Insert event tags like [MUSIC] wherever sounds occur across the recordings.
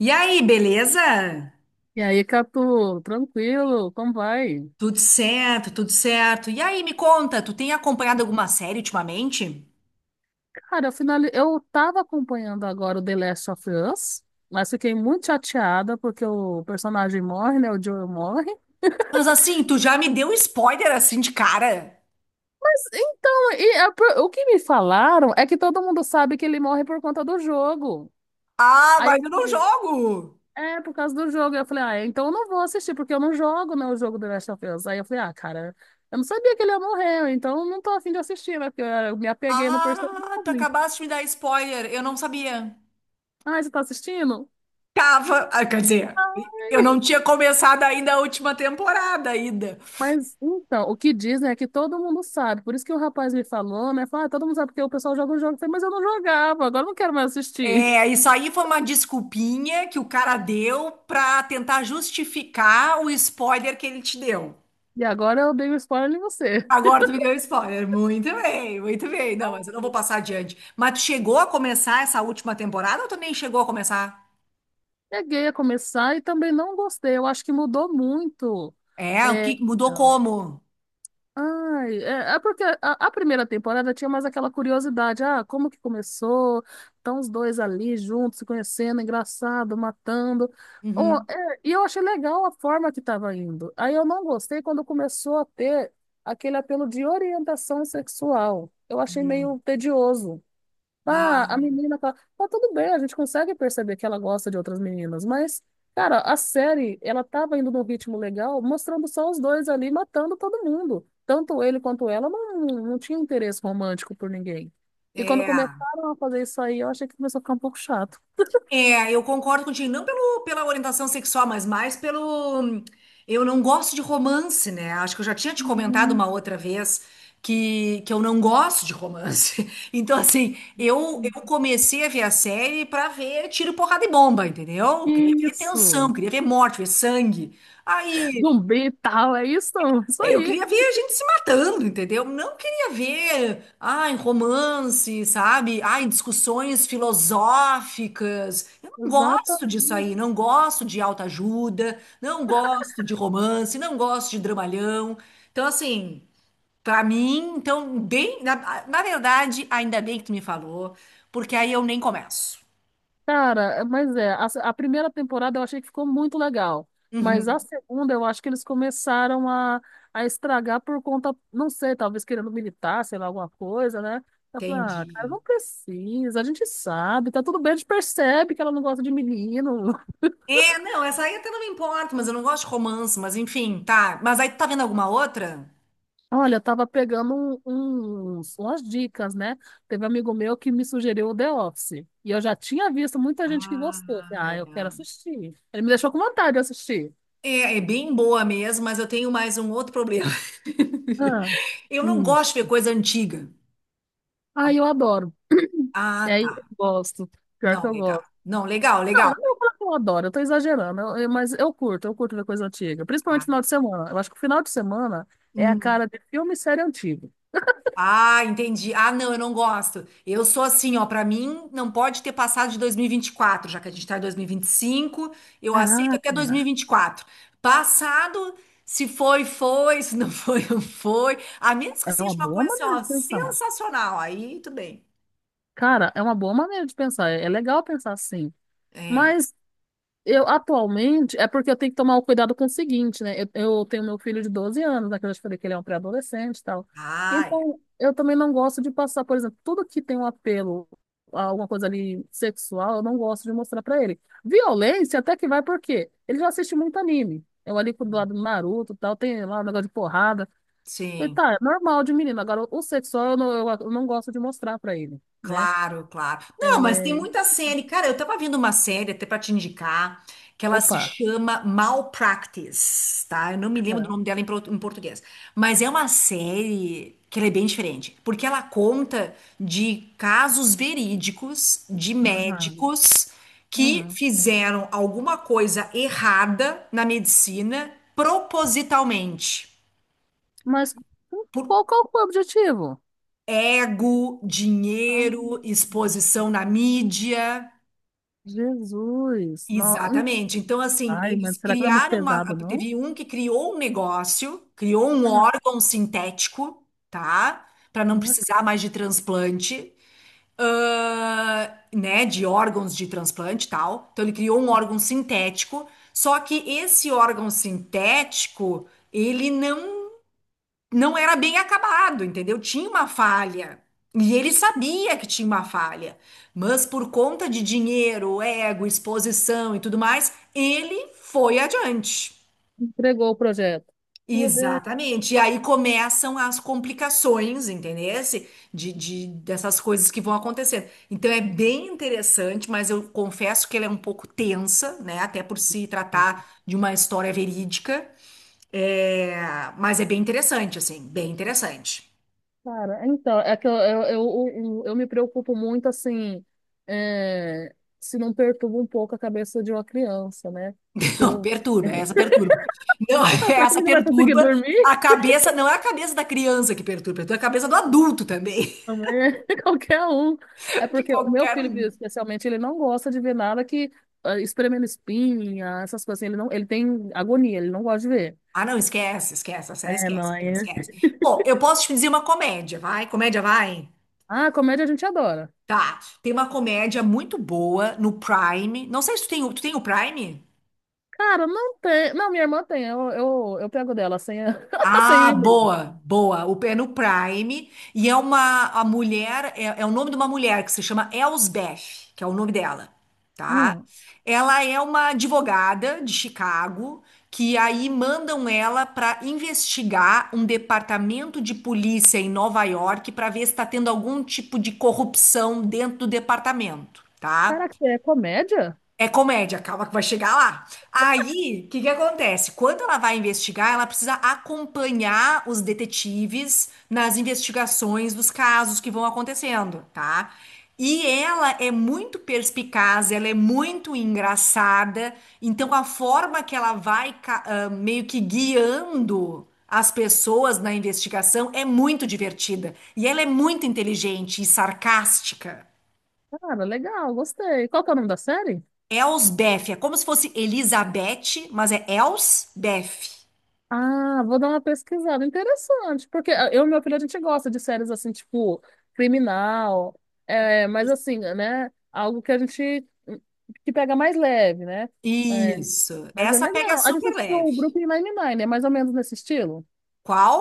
E aí, beleza? E aí, Catu, tranquilo, como vai? Tudo certo, tudo certo. E aí, me conta, tu tem acompanhado alguma série ultimamente? Cara, eu, eu tava acompanhando agora o The Last of Us, mas fiquei muito chateada porque o personagem morre, né? O Joel morre. Mas assim, tu já me deu um spoiler assim de cara. Mas então, o que me falaram é que todo mundo sabe que ele morre por conta do jogo. Ah, Aí mas eu eu não falei, jogo. é, por causa do jogo. Aí eu falei, ah, então eu não vou assistir, porque eu não jogo, né, o jogo The Last of Us. Aí eu falei, ah, cara, eu não sabia que ele ia morrer, então eu não tô afim de assistir, né? Porque eu me apeguei no Ah, tu personagem. acabaste de me dar spoiler, eu não sabia. Ah, você tá assistindo? Tava, ah, quer dizer, eu não tinha começado ainda a última temporada ainda. Mas então, o que dizem é que todo mundo sabe. Por isso que o rapaz me falou, né? Falou, ah, todo mundo sabe porque o pessoal joga um jogo. Eu falei, mas eu não jogava, agora eu não quero mais assistir. É, isso aí foi uma desculpinha que o cara deu pra tentar justificar o spoiler que ele te deu. E agora eu dei o spoiler em você. Agora tu me deu spoiler. Muito bem, muito bem. Não, mas eu não vou passar adiante. Mas tu chegou a começar essa última temporada ou tu nem chegou a começar? Peguei a começar e também não gostei. Eu acho que mudou muito. É, o É, que mudou como? ai, a primeira temporada tinha mais aquela curiosidade, ah, como que começou? Estão os dois ali juntos, se conhecendo, engraçado, matando. Oh, Uhum. é, e eu achei legal a forma que estava indo. Aí eu não gostei quando começou a ter aquele apelo de orientação sexual. Eu achei Hum. meio tedioso. Ah, Ah, a menina tá. Tá tudo bem, a gente consegue perceber que ela gosta de outras meninas, mas, cara, a série, ela tava indo num ritmo legal, mostrando só os dois ali matando todo mundo. Tanto ele quanto ela não tinha interesse romântico por ninguém. E quando é. começaram a fazer isso aí, eu achei que começou a ficar um pouco chato. É, eu concordo contigo, não pelo, pela orientação sexual, mas mais pelo. Eu não gosto de romance, né? Acho que eu já tinha te comentado Hum, uma outra vez que eu não gosto de romance. [LAUGHS] Então, assim, eu comecei a ver a série pra ver tiro, porrada e bomba, entendeu? Queria ver tensão, Isso! queria ver morte, ver sangue. Aí Zumbi e tal, é isso? [LAUGHS] Isso é, eu aí! queria ver a gente se matando, entendeu? Não queria ver, ai, romance, sabe? Ai, discussões filosóficas. Eu não gosto disso Exatamente. aí, não gosto de autoajuda, não gosto de romance, não gosto de dramalhão. Então, assim, pra mim, então, bem, na verdade, ainda bem que tu me falou, porque aí eu nem começo. Cara, é- mas é, a, se- A primeira temporada eu achei que ficou muito legal, mas a Uhum, segunda eu acho que eles começaram a estragar por conta, não sei, talvez querendo militar, sei lá, alguma coisa, né? Eu falei, ah, cara, entendi. não precisa, a gente sabe, tá tudo bem, a gente percebe que ela não gosta de menino. [LAUGHS] É, não, essa aí até não me importa, mas eu não gosto de romance, mas enfim, tá. Mas aí tu tá vendo alguma outra? Olha, eu tava pegando umas dicas, né? Teve um amigo meu que me sugeriu o The Office, e eu já tinha visto muita gente que gostou. Falei, Ah, ah, eu quero é. assistir. Ele me deixou com vontade de assistir. É, é bem boa mesmo, mas eu tenho mais um outro problema. [LAUGHS] Ah, Eu não gosto de ver isso. coisa antiga. Ai, eu adoro. Ah, É, eu tá. gosto. Pior que Não, eu legal. gosto. Não, legal, Não, legal. não vou falar que eu adoro, eu tô exagerando, mas eu curto ver coisa antiga. Principalmente Ah, final de semana. Eu acho que o final de semana é a hum. cara de filme e série antigo. Ah, entendi. Ah, não, eu não gosto. Eu sou assim, ó, pra mim não pode ter passado de dois mil e vinte e quatro, já que a gente tá em dois mil e vinte e cinco. Eu aceito até dois mil e Caraca, vinte e quatro. Passado, se foi, foi, se não foi, [LAUGHS] não foi. A menos que é seja uma uma boa coisa assim, maneira ó, de pensar. sensacional, aí tudo bem. Cara, é uma boa maneira de pensar. É legal pensar assim. É. Mas eu atualmente, é porque eu tenho que tomar o cuidado com o seguinte, né? Eu tenho meu filho de 12 anos, né, que eu já te falei que ele é um pré-adolescente e tal. Ah, Então, eu também não gosto de passar, por exemplo, tudo que tem um apelo a alguma coisa ali sexual, eu não gosto de mostrar pra ele. Violência até que vai, por quê? Ele já assiste muito anime. Eu ali do lado do Naruto e tal, tem lá um negócio de porrada. Falei, sim, tá, é normal de menino. Agora, o sexual eu não, eu não gosto de mostrar pra ele, né? claro, claro. Não, mas tem É... muita série. Cara, eu tava vendo uma série até pra te indicar, que ela se Opa. chama Malpractice, tá? Eu não me lembro do Ah, nome dela em português. Mas é uma série que ela é bem diferente, porque ela conta de casos verídicos de ah, médicos que ah. fizeram alguma coisa errada na medicina propositalmente. Mas qual, qual foi o objetivo? Ego, Ah, dinheiro, exposição na mídia. Jesus. Não, Exatamente. Então, assim, ai, mas eles será que não é muito criaram uma. pesado, não? Teve um que criou um negócio, criou um Ah, órgão sintético, tá? Para não não é precisar mais de transplante, né? De órgãos de transplante e tal. Então, ele criou um órgão sintético. Só que esse órgão sintético, ele não era bem acabado, entendeu? Tinha uma falha. E ele sabia que tinha uma falha, mas por conta de dinheiro, ego, exposição e tudo mais, ele foi adiante. entregou o projeto. Meu Deus. Exatamente. E aí começam as complicações, entendesse? De, dessas coisas que vão acontecendo. Então é bem interessante, mas eu confesso que ela é um pouco tensa, né? Até por se tratar de uma história verídica. É, mas é bem interessante, assim, bem interessante. Cara, então, é que eu me preocupo muito, assim, é, se não perturba um pouco a cabeça de uma criança, né? Não, Eu, perturba, é essa perturba. Não, [LAUGHS] [LAUGHS] será que o essa menino vai conseguir perturba dormir? a cabeça, não é a cabeça da criança que perturba, é a cabeça do adulto também, Também, [LAUGHS] qualquer um. É [LAUGHS] de porque o meu qualquer filho, um. especialmente, ele não gosta de ver nada que ah, espremendo espinha, essas coisas assim. Ele não, ele tem agonia, ele não gosta de ver. Ah, não, esquece, esquece, essa aí É, esquece, aquilo, mãe. esquece. Bom, eu posso te dizer uma comédia, vai? Comédia vai? Ah, comédia a gente adora. Tá. Tem uma comédia muito boa no Prime. Não sei se tu tem, tu tem o Prime? Cara, não tem. Não, minha irmã tem. Eu pego dela sem, [LAUGHS] sem o Ah, e-mail. boa, boa. O é no Prime e é uma a mulher é, é o nome de uma mulher que se chama Elsbeth, que é o nome dela, tá? Ah, Ela é uma advogada de Chicago que aí mandam ela para investigar um departamento de polícia em Nova York para ver se está tendo algum tipo de corrupção dentro do departamento, tá? caraca, é comédia? É comédia, calma que vai chegar lá. Aí, o que que acontece? Quando ela vai investigar, ela precisa acompanhar os detetives nas investigações dos casos que vão acontecendo, tá? E ela é muito perspicaz, ela é muito engraçada, então a forma que ela vai meio que guiando as pessoas na investigação é muito divertida. E ela é muito inteligente e sarcástica. Cara, legal, gostei. Qual que é o nome da série? Elsbeth, é como se fosse Elizabeth, mas é Elsbeth. Ah, vou dar uma pesquisada. Interessante, porque ah, eu e meu filho, a gente gosta de séries assim, tipo, criminal, é, mas assim, né? Algo que a gente que pega mais leve, né? É, Isso. mas é Essa pega legal. A gente super assistiu leve. o Brooklyn Nine-Nine, é mais ou menos nesse estilo? Qual?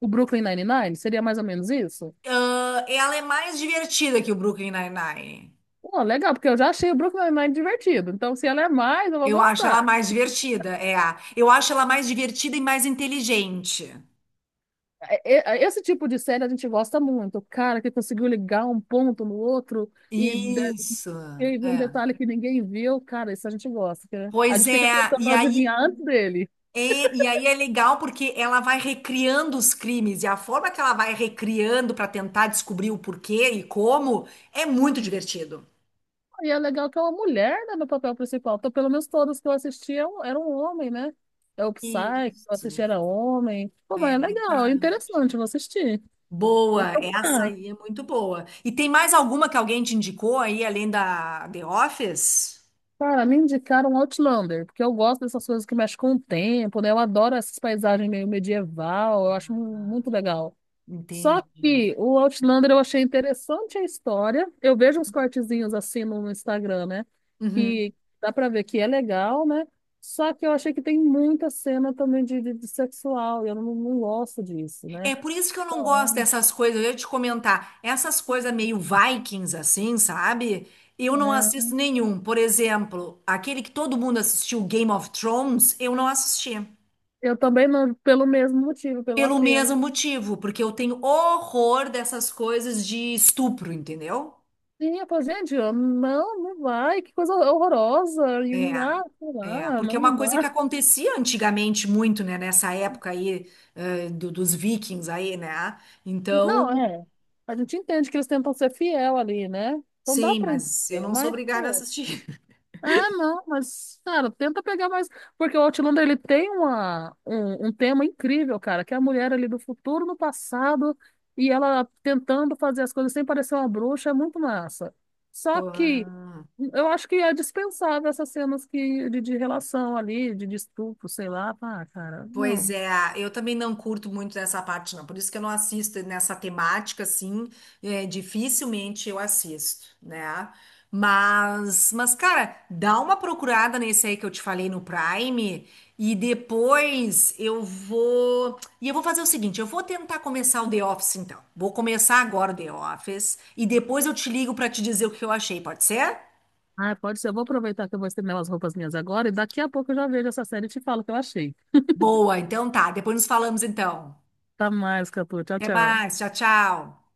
O Brooklyn Nine-Nine, seria mais ou menos isso? Ah, ela é mais divertida que o Brooklyn Nine-Nine. Pô, legal, porque eu já achei o Brooklyn Nine-Nine divertido. Então, se ela é mais, eu vou Eu acho gostar. ela mais divertida, é a. Eu acho ela mais divertida e mais inteligente. É, é, esse tipo de série a gente gosta muito. O cara que conseguiu ligar um ponto no outro e Isso. eu vi um É. detalhe que ninguém viu, cara, isso a gente gosta, né? A Pois gente fica é, tentando e aí adivinhar antes dele. é, e aí é legal porque ela vai recriando os crimes e a forma que ela vai recriando para tentar descobrir o porquê e como é muito divertido. E é legal que é uma mulher, né, no papel principal. Então, pelo menos todos que eu assisti eram um homem, né? É o Psy, que eu assisti Isso, era homem. Pô, mas é é legal, é verdade. interessante, eu vou assistir. Vou Boa, essa procurar. aí é muito boa. E tem mais alguma que alguém te indicou aí, além da The Office? Cara, me indicaram Outlander, porque eu gosto dessas coisas que mexem com o tempo, né? Eu adoro essas paisagens meio medieval, eu acho muito legal. Só Entendi. que o Outlander eu achei interessante a história. Eu vejo uns cortezinhos assim no Instagram, né? Uhum. Que dá pra ver que é legal, né? Só que eu achei que tem muita cena também de sexual, e eu não, não gosto disso, É né? por isso que eu não gosto Então, dessas coisas. Eu ia te comentar, essas coisas meio Vikings, assim, sabe? Eu não é, assisto nenhum. Por exemplo, aquele que todo mundo assistiu, Game of Thrones, eu não assisti. eu também não, pelo mesmo motivo, pelo Pelo mesmo apelo. motivo, porque eu tenho horror dessas coisas de estupro, entendeu? Sim, eu falo, gente, eu, não, não vai, que coisa horrorosa, e, É, ah, sei é, lá, porque é não, uma não coisa que dá. acontecia antigamente muito, né, nessa época aí, dos vikings aí, né? Não, Então, é, a gente entende que eles tentam ser fiel ali, né? Então dá sim, pra mas eu entender, não sou mas, obrigada a pô, assistir. ah, não, mas, cara, tenta pegar mais. Porque o Outlander, ele tem um tema incrível, cara, que é a mulher ali do futuro no passado e ela tentando fazer as coisas sem parecer uma bruxa, é muito massa. [LAUGHS] Só que Pô. eu acho que é dispensável essas cenas que, de relação ali, de estupro, sei lá. Ah, cara, Pois não. é, eu também não curto muito dessa parte, não. Por isso que eu não assisto nessa temática, assim, é, dificilmente eu assisto, né? Mas, cara, dá uma procurada nesse aí que eu te falei no Prime e depois eu vou. E eu vou fazer o seguinte: eu vou tentar começar o The Office, então. Vou começar agora o The Office e depois eu te ligo pra te dizer o que eu achei, pode ser? Ah, pode ser. Eu vou aproveitar que eu vou estender umas roupas minhas agora e daqui a pouco eu já vejo essa série e te falo o que eu achei. Boa, então tá. Depois nos falamos, então. Tá mais, Catu. Tchau, Até tchau. mais, tchau, tchau.